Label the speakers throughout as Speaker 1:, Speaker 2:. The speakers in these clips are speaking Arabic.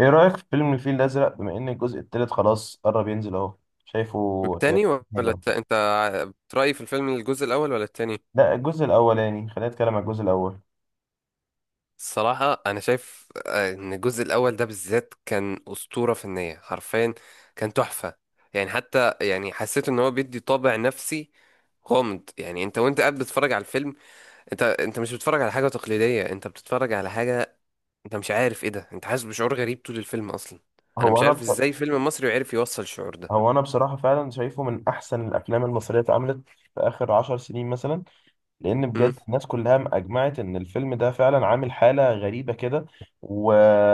Speaker 1: ايه رأيك في فيلم الفيل الأزرق؟ بما ان الجزء التالت خلاص قرب ينزل اهو. شايفه إيه؟
Speaker 2: التاني ولا
Speaker 1: هجرة.
Speaker 2: انت بترأي في الفيلم الجزء الاول ولا التاني؟
Speaker 1: لا، الجزء الاولاني، خلينا نتكلم عن الجزء الاول.
Speaker 2: الصراحة أنا شايف إن الجزء الأول ده بالذات كان أسطورة فنية حرفيا. كان تحفة. يعني حتى يعني حسيت إن هو بيدي طابع نفسي غامض. يعني أنت وأنت قاعد بتتفرج على الفيلم. أنت مش بتتفرج على حاجة تقليدية، أنت بتتفرج على حاجة. أنت مش عارف إيه ده، أنت حاسس بشعور غريب طول الفيلم أصلا. أنا
Speaker 1: هو
Speaker 2: مش
Speaker 1: انا
Speaker 2: عارف
Speaker 1: بص...
Speaker 2: إزاي فيلم مصري عرف يوصل الشعور ده.
Speaker 1: هو انا بصراحة فعلا شايفه من احسن الافلام المصرية اتعملت في اخر 10 سنين مثلا. لان
Speaker 2: امم.
Speaker 1: بجد الناس كلها اجمعت ان الفيلم ده فعلا عامل حاله غريبه كده. و...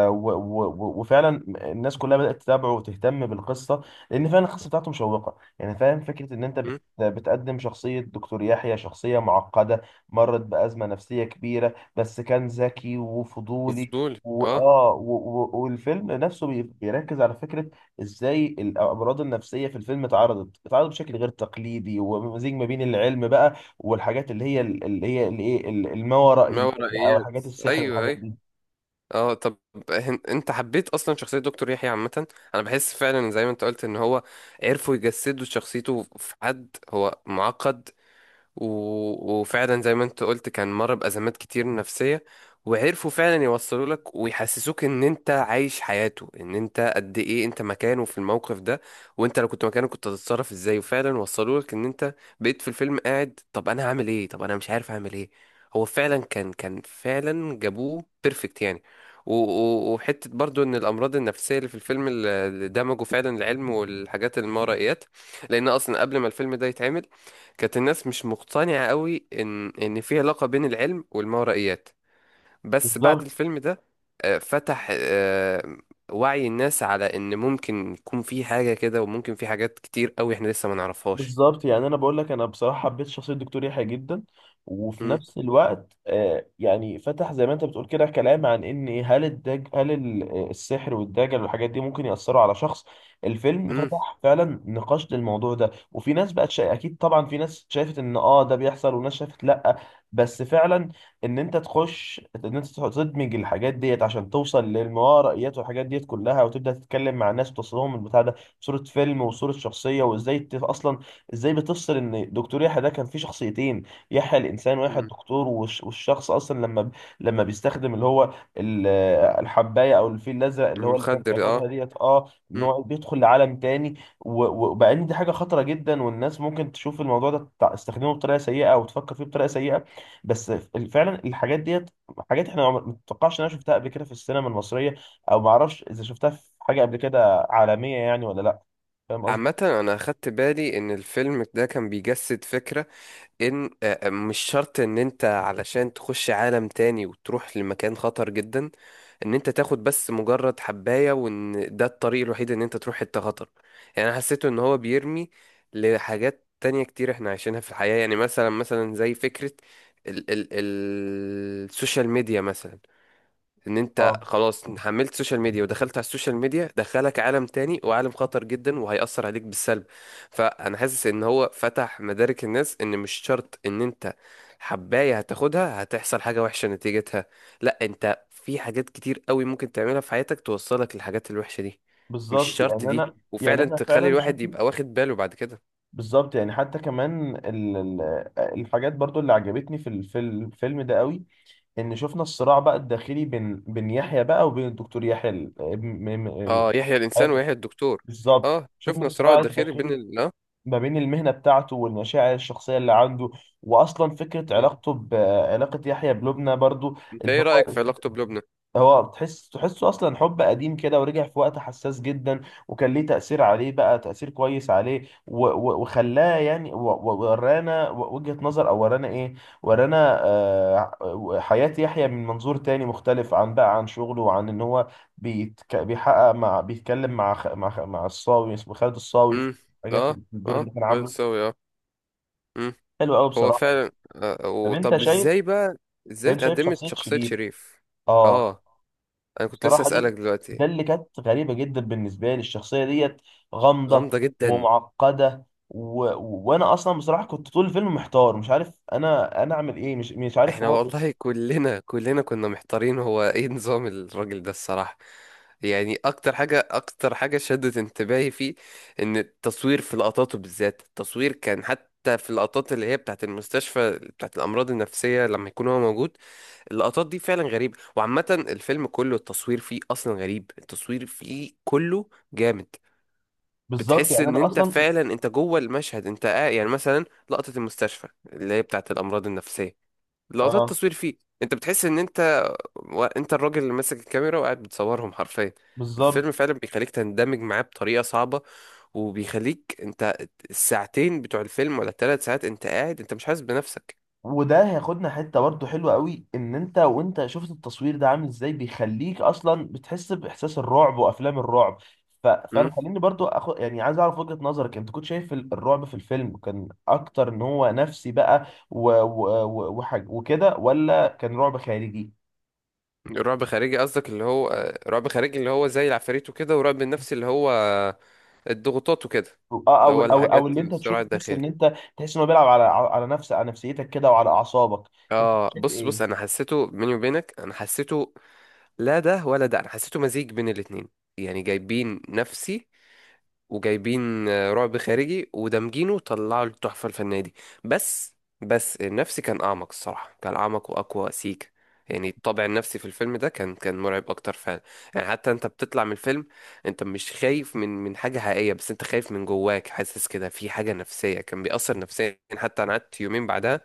Speaker 1: وفعلا الناس كلها بدات تتابعه وتهتم بالقصه، لان فعلا القصه بتاعته مشوقه. يعني فاهم فكره ان انت بتقدم شخصيه دكتور يحيى، شخصيه معقده مرت بازمه نفسيه كبيره، بس كان ذكي وفضولي.
Speaker 2: وفضولي، اه.
Speaker 1: والفيلم نفسه بيركز على فكرة ازاي الأمراض النفسية في الفيلم اتعرضت بشكل غير تقليدي، ومزيج ما بين العلم بقى والحاجات اللي هي الما
Speaker 2: ما
Speaker 1: ورائيات، او
Speaker 2: ورائيات.
Speaker 1: حاجات السحر
Speaker 2: ايوه،
Speaker 1: والحاجات
Speaker 2: ايوه.
Speaker 1: دي.
Speaker 2: اه، طب. انت حبيت اصلا شخصية دكتور يحيى عامة؟ انا بحس فعلا زي ما انت قلت ان هو عرفوا يجسدوا شخصيته في حد هو معقد. وفعلا زي ما انت قلت كان مر بأزمات كتير نفسية. وعرفوا فعلا يوصلوا لك ويحسسوك ان انت عايش حياته، ان انت قد ايه انت مكانه في الموقف ده. وانت لو كنت مكانه كنت هتتصرف ازاي، وفعلا وصلوا لك ان انت بقيت في الفيلم قاعد، طب انا هعمل ايه، طب انا مش عارف اعمل ايه. هو فعلا كان فعلا جابوه بيرفكت يعني. وحتة برضو ان الامراض النفسية اللي في الفيلم اللي دمجوا فعلا العلم والحاجات المورائيات. لان اصلا قبل ما الفيلم ده يتعمل كانت الناس مش مقتنعة قوي إن في علاقة بين العلم والماورائيات. بس بعد
Speaker 1: بالظبط
Speaker 2: الفيلم ده فتح وعي الناس على إن ممكن يكون في حاجة كده، وممكن في حاجات كتير قوي إحنا لسه ما نعرفهاش.
Speaker 1: بالظبط يعني انا بقول لك، انا بصراحه حبيت شخصيه الدكتور يحيى جدا، وفي
Speaker 2: مم.
Speaker 1: نفس الوقت يعني فتح زي ما انت بتقول كده كلام عن ان هل الدج هل ال- آه، السحر والدجل والحاجات دي ممكن ياثروا على شخص. الفيلم
Speaker 2: مم.
Speaker 1: فتح فعلا نقاش للموضوع ده، وفي ناس اكيد طبعا في ناس شافت ان ده بيحصل، وناس شافت لا. بس فعلا ان انت تخش، ان انت تدمج الحاجات ديت عشان توصل للموارائيات والحاجات ديت كلها، وتبدا تتكلم مع الناس وتوصلهم البتاع ده صورة فيلم وصورة شخصية. وازاي اصلا ازاي بتفصل ان دكتور يحيى ده كان فيه شخصيتين، يحيى الانسان ويحيى
Speaker 2: مم.
Speaker 1: الدكتور، والشخص اصلا لما بيستخدم اللي هو ال- الحبايه او الفيل الازرق اللي هو اللي كان
Speaker 2: المخدر، آه.
Speaker 1: بياخدها ديت، ان
Speaker 2: مم.
Speaker 1: هو بيدخل لعالم تاني. وبقى ان دي حاجه خطره جدا، والناس ممكن تشوف الموضوع ده تستخدمه بطريقه سيئه او تفكر فيه بطريقه سيئه. بس فعلا الحاجات ديت حاجات احنا ما تتوقعش ان انا شفتها قبل كده في السينما المصريه، او ما اعرفش اذا شفتها في حاجه قبل كده عالميه، يعني ولا لا. فاهم
Speaker 2: عامة
Speaker 1: قصدي؟
Speaker 2: أنا أخدت بالي إن الفيلم ده كان بيجسد فكرة إن مش شرط إن أنت علشان تخش عالم تاني وتروح لمكان خطر جدا. ان انت تاخد بس مجرد حباية، وان ده الطريق الوحيد ان انت تروح حتة خطر. يعني انا حسيته ان هو بيرمي لحاجات تانية كتير احنا عايشينها في الحياة. يعني مثلا زي فكرة ال السوشيال ميديا مثلا. ان انت
Speaker 1: اه.
Speaker 2: خلاص حملت سوشيال ميديا ودخلت على السوشيال ميديا، دخلك عالم تاني، وعالم خطر جدا وهيأثر عليك بالسلب. فانا حاسس ان هو فتح مدارك الناس ان مش شرط ان انت حباية هتاخدها هتحصل حاجة وحشة نتيجتها. لا، انت في حاجات كتير قوي ممكن تعملها في حياتك توصلك للحاجات الوحشة دي. مش
Speaker 1: بالظبط،
Speaker 2: شرط
Speaker 1: يعني
Speaker 2: دي،
Speaker 1: انا، يعني
Speaker 2: وفعلا
Speaker 1: احنا
Speaker 2: تخلي
Speaker 1: فعلا
Speaker 2: الواحد
Speaker 1: شفنا.
Speaker 2: يبقى واخد باله بعد كده.
Speaker 1: بالظبط يعني حتى كمان الحاجات برضو اللي عجبتني في الفيلم ده قوي، ان شفنا الصراع بقى الداخلي بين يحيى بقى وبين الدكتور يحيى،
Speaker 2: اه، يحيى الانسان
Speaker 1: حياته.
Speaker 2: ويحيى الدكتور.
Speaker 1: بالظبط،
Speaker 2: اه،
Speaker 1: شفنا
Speaker 2: شفنا صراع
Speaker 1: الصراع
Speaker 2: الداخلي بين
Speaker 1: الداخلي
Speaker 2: ال اه
Speaker 1: ما بين المهنة بتاعته والمشاعر الشخصية اللي عنده، واصلا فكرة
Speaker 2: م.
Speaker 1: علاقته، بعلاقة يحيى بلبنى برضو.
Speaker 2: انت
Speaker 1: ان
Speaker 2: ايه رأيك
Speaker 1: هو
Speaker 2: في علاقته بلبنى؟
Speaker 1: هو تحسه اصلا حب قديم كده، ورجع في وقت حساس جدا، وكان ليه تأثير عليه بقى، تأثير كويس عليه، وخلاه يعني ورانا وجهة نظر، او ورانا ورانا حياة يحيى من منظور تاني مختلف، عن بقى عن شغله، وعن ان هو بيتك بيحقق، مع بيتكلم مع الصاوي، اسمه خالد الصاوي، في
Speaker 2: امم.
Speaker 1: حاجات
Speaker 2: اه،
Speaker 1: الدور
Speaker 2: اه.
Speaker 1: اللي كان عامله.
Speaker 2: هتساوي، اه. امم.
Speaker 1: حلو قوي
Speaker 2: هو
Speaker 1: بصراحة.
Speaker 2: فعلا
Speaker 1: طب انت
Speaker 2: وطب
Speaker 1: شايف
Speaker 2: ازاي بقى؟ ازاي
Speaker 1: انت شايف
Speaker 2: اتقدمت
Speaker 1: شخصية
Speaker 2: شخصية
Speaker 1: شريف.
Speaker 2: شريف؟
Speaker 1: اه.
Speaker 2: اه. انا كنت لسه
Speaker 1: بصراحة، ده
Speaker 2: اسألك
Speaker 1: ده
Speaker 2: دلوقتي.
Speaker 1: اللي كانت غريبة جدا بالنسبة لي، الشخصية ديت غامضة
Speaker 2: غامضة جدا.
Speaker 1: ومعقدة، وانا اصلا بصراحة كنت طول الفيلم محتار، مش عارف انا اعمل ايه، مش عارف
Speaker 2: احنا
Speaker 1: هو.
Speaker 2: والله كلنا كنا محتارين، هو ايه نظام الراجل ده الصراحة. يعني اكتر حاجة شدت انتباهي فيه. ان التصوير في لقطاته بالذات التصوير كان حتى في اللقطات اللي هي بتاعت المستشفى، بتاعت الامراض النفسية، لما يكون هو موجود. اللقطات دي فعلا غريبة، وعامة الفيلم كله التصوير فيه أصلا غريب، التصوير فيه كله جامد.
Speaker 1: بالظبط،
Speaker 2: بتحس
Speaker 1: يعني
Speaker 2: إن
Speaker 1: انا
Speaker 2: أنت
Speaker 1: اصلا.
Speaker 2: فعلا أنت جوه المشهد، أنت قاعد يعني مثلا. لقطة المستشفى اللي هي بتاعة الأمراض النفسية، لقطات
Speaker 1: اه.
Speaker 2: التصوير فيه. أنت بتحس إن أنت أنت الراجل اللي ماسك الكاميرا وقاعد بتصورهم حرفيا.
Speaker 1: بالظبط،
Speaker 2: الفيلم فعلا بيخليك تندمج معاه بطريقة صعبة. وبيخليك أنت الساعتين بتوع الفيلم ولا الثلاث ساعات أنت قاعد أنت مش حاسس بنفسك.
Speaker 1: وده هياخدنا حته برضه حلوه قوي، ان انت وانت شفت التصوير ده عامل ازاي بيخليك اصلا بتحس باحساس الرعب وافلام الرعب. فانا
Speaker 2: امم؟
Speaker 1: خليني برضه اخد، يعني عايز اعرف وجهه نظرك، انت كنت شايف الرعب في الفيلم كان اكتر ان هو نفسي بقى وكده، ولا كان رعب خارجي؟
Speaker 2: رعب خارجي قصدك اللي هو رعب خارجي اللي هو زي العفاريت وكده، ورعب النفسي اللي هو الضغوطات وكده.
Speaker 1: او
Speaker 2: اللي
Speaker 1: او
Speaker 2: هو
Speaker 1: او او
Speaker 2: الحاجات،
Speaker 1: اللي انت تشوف،
Speaker 2: الصراع
Speaker 1: تحس ان
Speaker 2: الداخلي.
Speaker 1: انت تحس انه بيلعب على نفسيتك كده، وعلى اعصابك. انت
Speaker 2: اه،
Speaker 1: شايف
Speaker 2: بص بص،
Speaker 1: ايه؟
Speaker 2: انا حسيته بيني وبينك انا حسيته. لا ده ولا ده، انا حسيته مزيج بين الاتنين. يعني جايبين نفسي وجايبين رعب خارجي، ودمجينه طلعوا التحفة الفنية دي. بس بس النفسي كان أعمق الصراحة، كان أعمق وأقوى سيكا. يعني الطابع النفسي في الفيلم ده كان مرعب أكتر فعلا. يعني حتى أنت بتطلع من الفيلم أنت مش خايف من حاجة حقيقية، بس أنت خايف من جواك حاسس كده في حاجة نفسية كان بيأثر نفسيا، حتى أنا قعدت يومين بعدها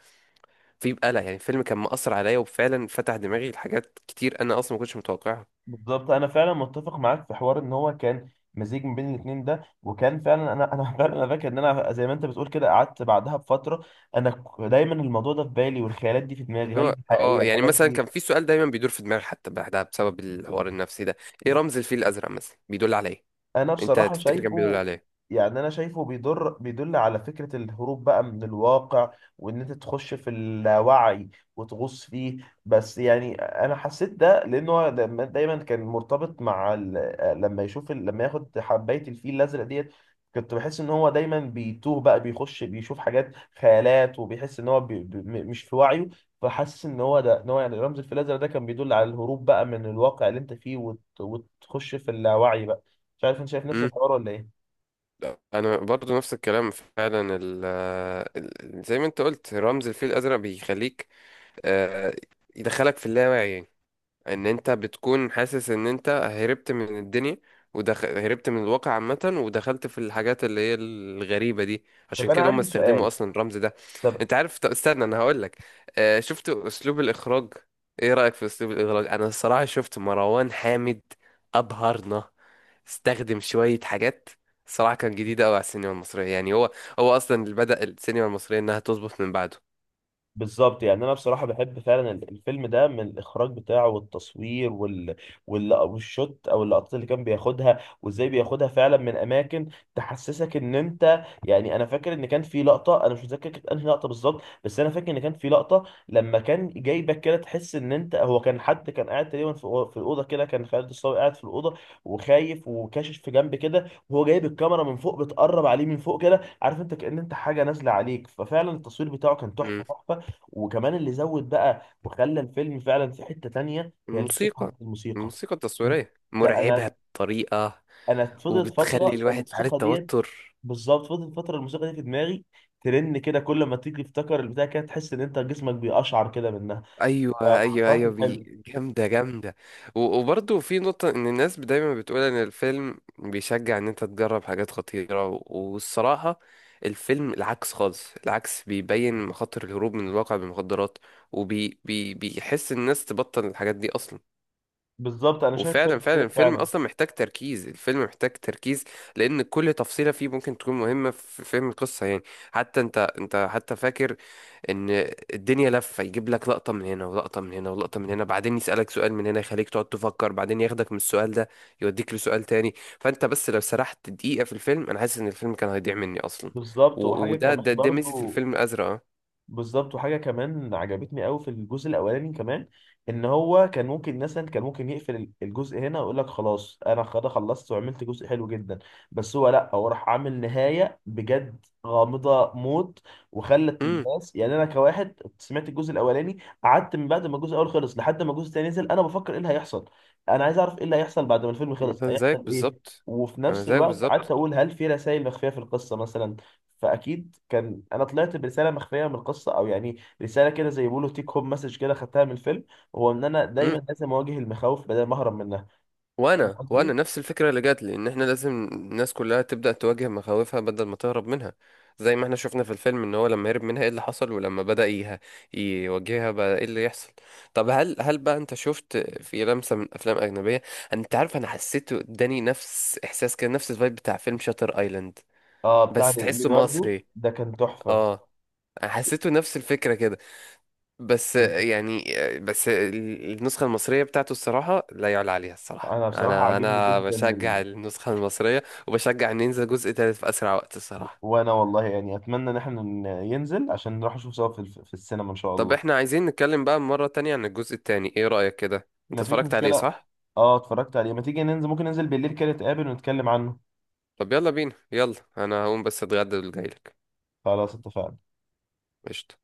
Speaker 2: في بقلق. يعني الفيلم كان مأثر عليا، وفعلا فتح دماغي لحاجات كتير أنا أصلا ما كنتش متوقعها.
Speaker 1: بالظبط، انا فعلا متفق معاك في حوار ان هو كان مزيج من بين الاثنين ده، وكان فعلا انا فعلا انا فاكر ان انا زي ما انت بتقول كده قعدت بعدها بفتره، انا دايما الموضوع ده في بالي، والخيالات دي في دماغي،
Speaker 2: اللي
Speaker 1: هل
Speaker 2: هو
Speaker 1: دي حقيقيه
Speaker 2: اه يعني
Speaker 1: الحاجات
Speaker 2: مثلا
Speaker 1: دي؟
Speaker 2: كان في سؤال دايما بيدور في دماغي حتى بعدها بسبب الحوار النفسي ده. ايه رمز الفيل الازرق مثلا بيدل على ايه؟
Speaker 1: انا
Speaker 2: انت
Speaker 1: بصراحه
Speaker 2: تفتكر كان بيدل
Speaker 1: شايفه،
Speaker 2: على ايه؟
Speaker 1: يعني انا شايفه بيدل على فكره الهروب بقى من الواقع، وان انت تخش في اللاوعي وتغوص فيه. بس يعني انا حسيت ده لانه هو دايما كان مرتبط مع ال... لما يشوف ال... لما ياخد حبايه الفيل الازرق ديت، كنت بحس ان هو دايما بيتوه بقى، بيخش بيشوف حاجات، خيالات، وبيحس ان هو مش في وعيه. فحاسس ان هو ده ان هو يعني رمز الفيل الازرق ده كان بيدل على الهروب بقى من الواقع اللي انت فيه، وتخش في اللاوعي بقى. مش عارف انت شايف نفس
Speaker 2: امم.
Speaker 1: الحوار ولا ايه.
Speaker 2: انا برضو نفس الكلام فعلا زي ما انت قلت رمز الفيل الازرق بيخليك آه، يدخلك في اللاوعي يعني. ان انت بتكون حاسس ان انت هربت من الدنيا، هربت من الواقع عامة ودخلت في الحاجات اللي هي الغريبة دي.
Speaker 1: طب
Speaker 2: عشان
Speaker 1: انا
Speaker 2: كده هم
Speaker 1: عندي
Speaker 2: استخدموا
Speaker 1: سؤال.
Speaker 2: اصلا الرمز ده.
Speaker 1: طب.
Speaker 2: انت عارف، طب استنى انا هقول لك. شفت اسلوب الاخراج؟ ايه رأيك في اسلوب الاخراج؟ انا الصراحة شفت مروان حامد ابهرنا. استخدم شوية حاجات الصراحة كان جديدة قوي على السينما المصرية، يعني هو اصلا اللي بدأ السينما المصرية انها تظبط من بعده.
Speaker 1: بالظبط، يعني انا بصراحه بحب فعلا الفيلم ده، من الاخراج بتاعه والتصوير، والشوت او اللقطات اللي كان بياخدها، وازاي بياخدها فعلا من اماكن تحسسك ان انت، يعني انا فاكر ان كان في لقطه، انا مش متذكر كانت انهي لقطه بالظبط، بس انا فاكر ان كان في لقطه لما كان جايبك كده تحس ان انت، هو كان حد كان قاعد تقريبا في الاوضه كده، كان خالد الصاوي قاعد في الاوضه وخايف وكاشف في جنب كده، وهو جايب الكاميرا من فوق، بتقرب عليه من فوق كده، عارف، انت كأن انت حاجه نازله عليك. ففعلا التصوير بتاعه كان تحفه
Speaker 2: مم.
Speaker 1: تحفه. وكمان اللي زود بقى وخلى الفيلم فعلا في حتة تانية، هي الموسيقى
Speaker 2: الموسيقى
Speaker 1: الموسيقى.
Speaker 2: الموسيقى
Speaker 1: انت
Speaker 2: التصويرية مرعبة
Speaker 1: انا
Speaker 2: بطريقة.
Speaker 1: انا فضلت
Speaker 2: وبتخلي
Speaker 1: فترة
Speaker 2: الواحد في حالة
Speaker 1: الموسيقى ديت،
Speaker 2: توتر.
Speaker 1: بالظبط فضلت فترة الموسيقى دي في دماغي، ترن كده، كل ما تيجي تفتكر البتاع كده، تحس ان انت جسمك بيقشعر كده منها.
Speaker 2: ايوه، ايوه،
Speaker 1: فبصراحة
Speaker 2: ايوه،
Speaker 1: كان حلو.
Speaker 2: جامده جامده. وبرضه في نقطه ان الناس دايما بتقول ان الفيلم بيشجع ان انت تجرب حاجات خطيره، والصراحه الفيلم العكس خالص، العكس بيبين مخاطر الهروب من الواقع بالمخدرات. وبي بي بيحس الناس تبطل الحاجات دي اصلا.
Speaker 1: بالظبط انا شايف
Speaker 2: وفعلا
Speaker 1: كده
Speaker 2: فعلا الفيلم
Speaker 1: فعلا.
Speaker 2: اصلا محتاج تركيز، الفيلم محتاج تركيز. لان كل تفصيله فيه ممكن تكون مهمه في فهم القصه يعني. حتى انت حتى فاكر ان الدنيا لفه يجيب لك لقطه من هنا ولقطه من هنا ولقطه من هنا، بعدين يسالك سؤال من هنا يخليك تقعد تفكر، بعدين ياخدك من السؤال ده يوديك لسؤال تاني. فانت بس لو سرحت دقيقه في الفيلم انا حاسس ان الفيلم كان هيضيع مني اصلا.
Speaker 1: بالظبط
Speaker 2: و-
Speaker 1: وحاجة
Speaker 2: وده
Speaker 1: كمان
Speaker 2: ده ده ميزه
Speaker 1: برضو
Speaker 2: الفيلم الازرق، اه.
Speaker 1: بالظبط وحاجه كمان عجبتني قوي في الجزء الاولاني كمان، ان هو كان ممكن مثلا، كان ممكن يقفل الجزء هنا ويقول لك خلاص، انا خلاص خلصت وعملت جزء حلو جدا، بس هو لا، هو راح عامل نهايه بجد غامضه موت، وخلت
Speaker 2: امم.
Speaker 1: الناس، يعني انا كواحد سمعت الجزء الاولاني، قعدت من بعد ما الجزء الاول خلص لحد ما الجزء الثاني نزل، انا بفكر ايه اللي هيحصل، انا عايز اعرف ايه اللي هيحصل، بعد ما الفيلم خلص
Speaker 2: مثلا زيك
Speaker 1: هيحصل ايه؟
Speaker 2: بالظبط.
Speaker 1: وفي
Speaker 2: انا
Speaker 1: نفس
Speaker 2: زيك
Speaker 1: الوقت قعدت
Speaker 2: بالظبط.
Speaker 1: اقول، هل في رسائل مخفيه في القصه مثلا؟ فاكيد كان، انا طلعت برساله مخفيه من القصه، او يعني رساله كده زي ما بيقولوا تيك هوم مسج كده خدتها من الفيلم، هو ان انا دايما
Speaker 2: مم.
Speaker 1: لازم اواجه المخاوف بدل ما اهرب منها. فاهم
Speaker 2: وانا
Speaker 1: قصدي؟
Speaker 2: نفس الفكره اللي جات لي ان احنا لازم الناس كلها تبدا تواجه مخاوفها بدل ما تهرب منها. زي ما احنا شفنا في الفيلم ان هو لما هرب منها ايه اللي حصل، ولما بدا يواجهها بقى ايه اللي يحصل. طب هل بقى انت شفت في لمسه من افلام اجنبيه؟ انت عارف انا حسيت اداني نفس احساس كده، نفس الفايب بتاع فيلم شاتر ايلاند.
Speaker 1: اه، بتاع
Speaker 2: بس تحسه
Speaker 1: ليوناردو
Speaker 2: مصري.
Speaker 1: ده كان تحفه.
Speaker 2: اه. أنا حسيته نفس الفكره كده. بس يعني، بس النسخة المصرية بتاعته الصراحة لا يعلى عليها الصراحة،
Speaker 1: انا بصراحه
Speaker 2: أنا
Speaker 1: عاجبني
Speaker 2: أنا
Speaker 1: جدا
Speaker 2: بشجع النسخة المصرية. وبشجع إن ينزل جزء تالت في أسرع وقت الصراحة.
Speaker 1: وانا والله يعني اتمنى ان احنا ينزل عشان نروح نشوف سوا في السينما ان شاء
Speaker 2: طب
Speaker 1: الله.
Speaker 2: إحنا عايزين نتكلم بقى مرة تانية عن الجزء التاني، إيه رأيك كده؟ أنت
Speaker 1: مفيش
Speaker 2: اتفرجت عليه
Speaker 1: مشكله.
Speaker 2: صح؟
Speaker 1: اه اتفرجت عليه. ما تيجي ننزل؟ ممكن ننزل بالليل كده نتقابل ونتكلم عنه.
Speaker 2: طب يلا بينا، يلا أنا هقوم بس أتغدى وجايلك.
Speaker 1: خلاص اتفقنا.
Speaker 2: قشطة.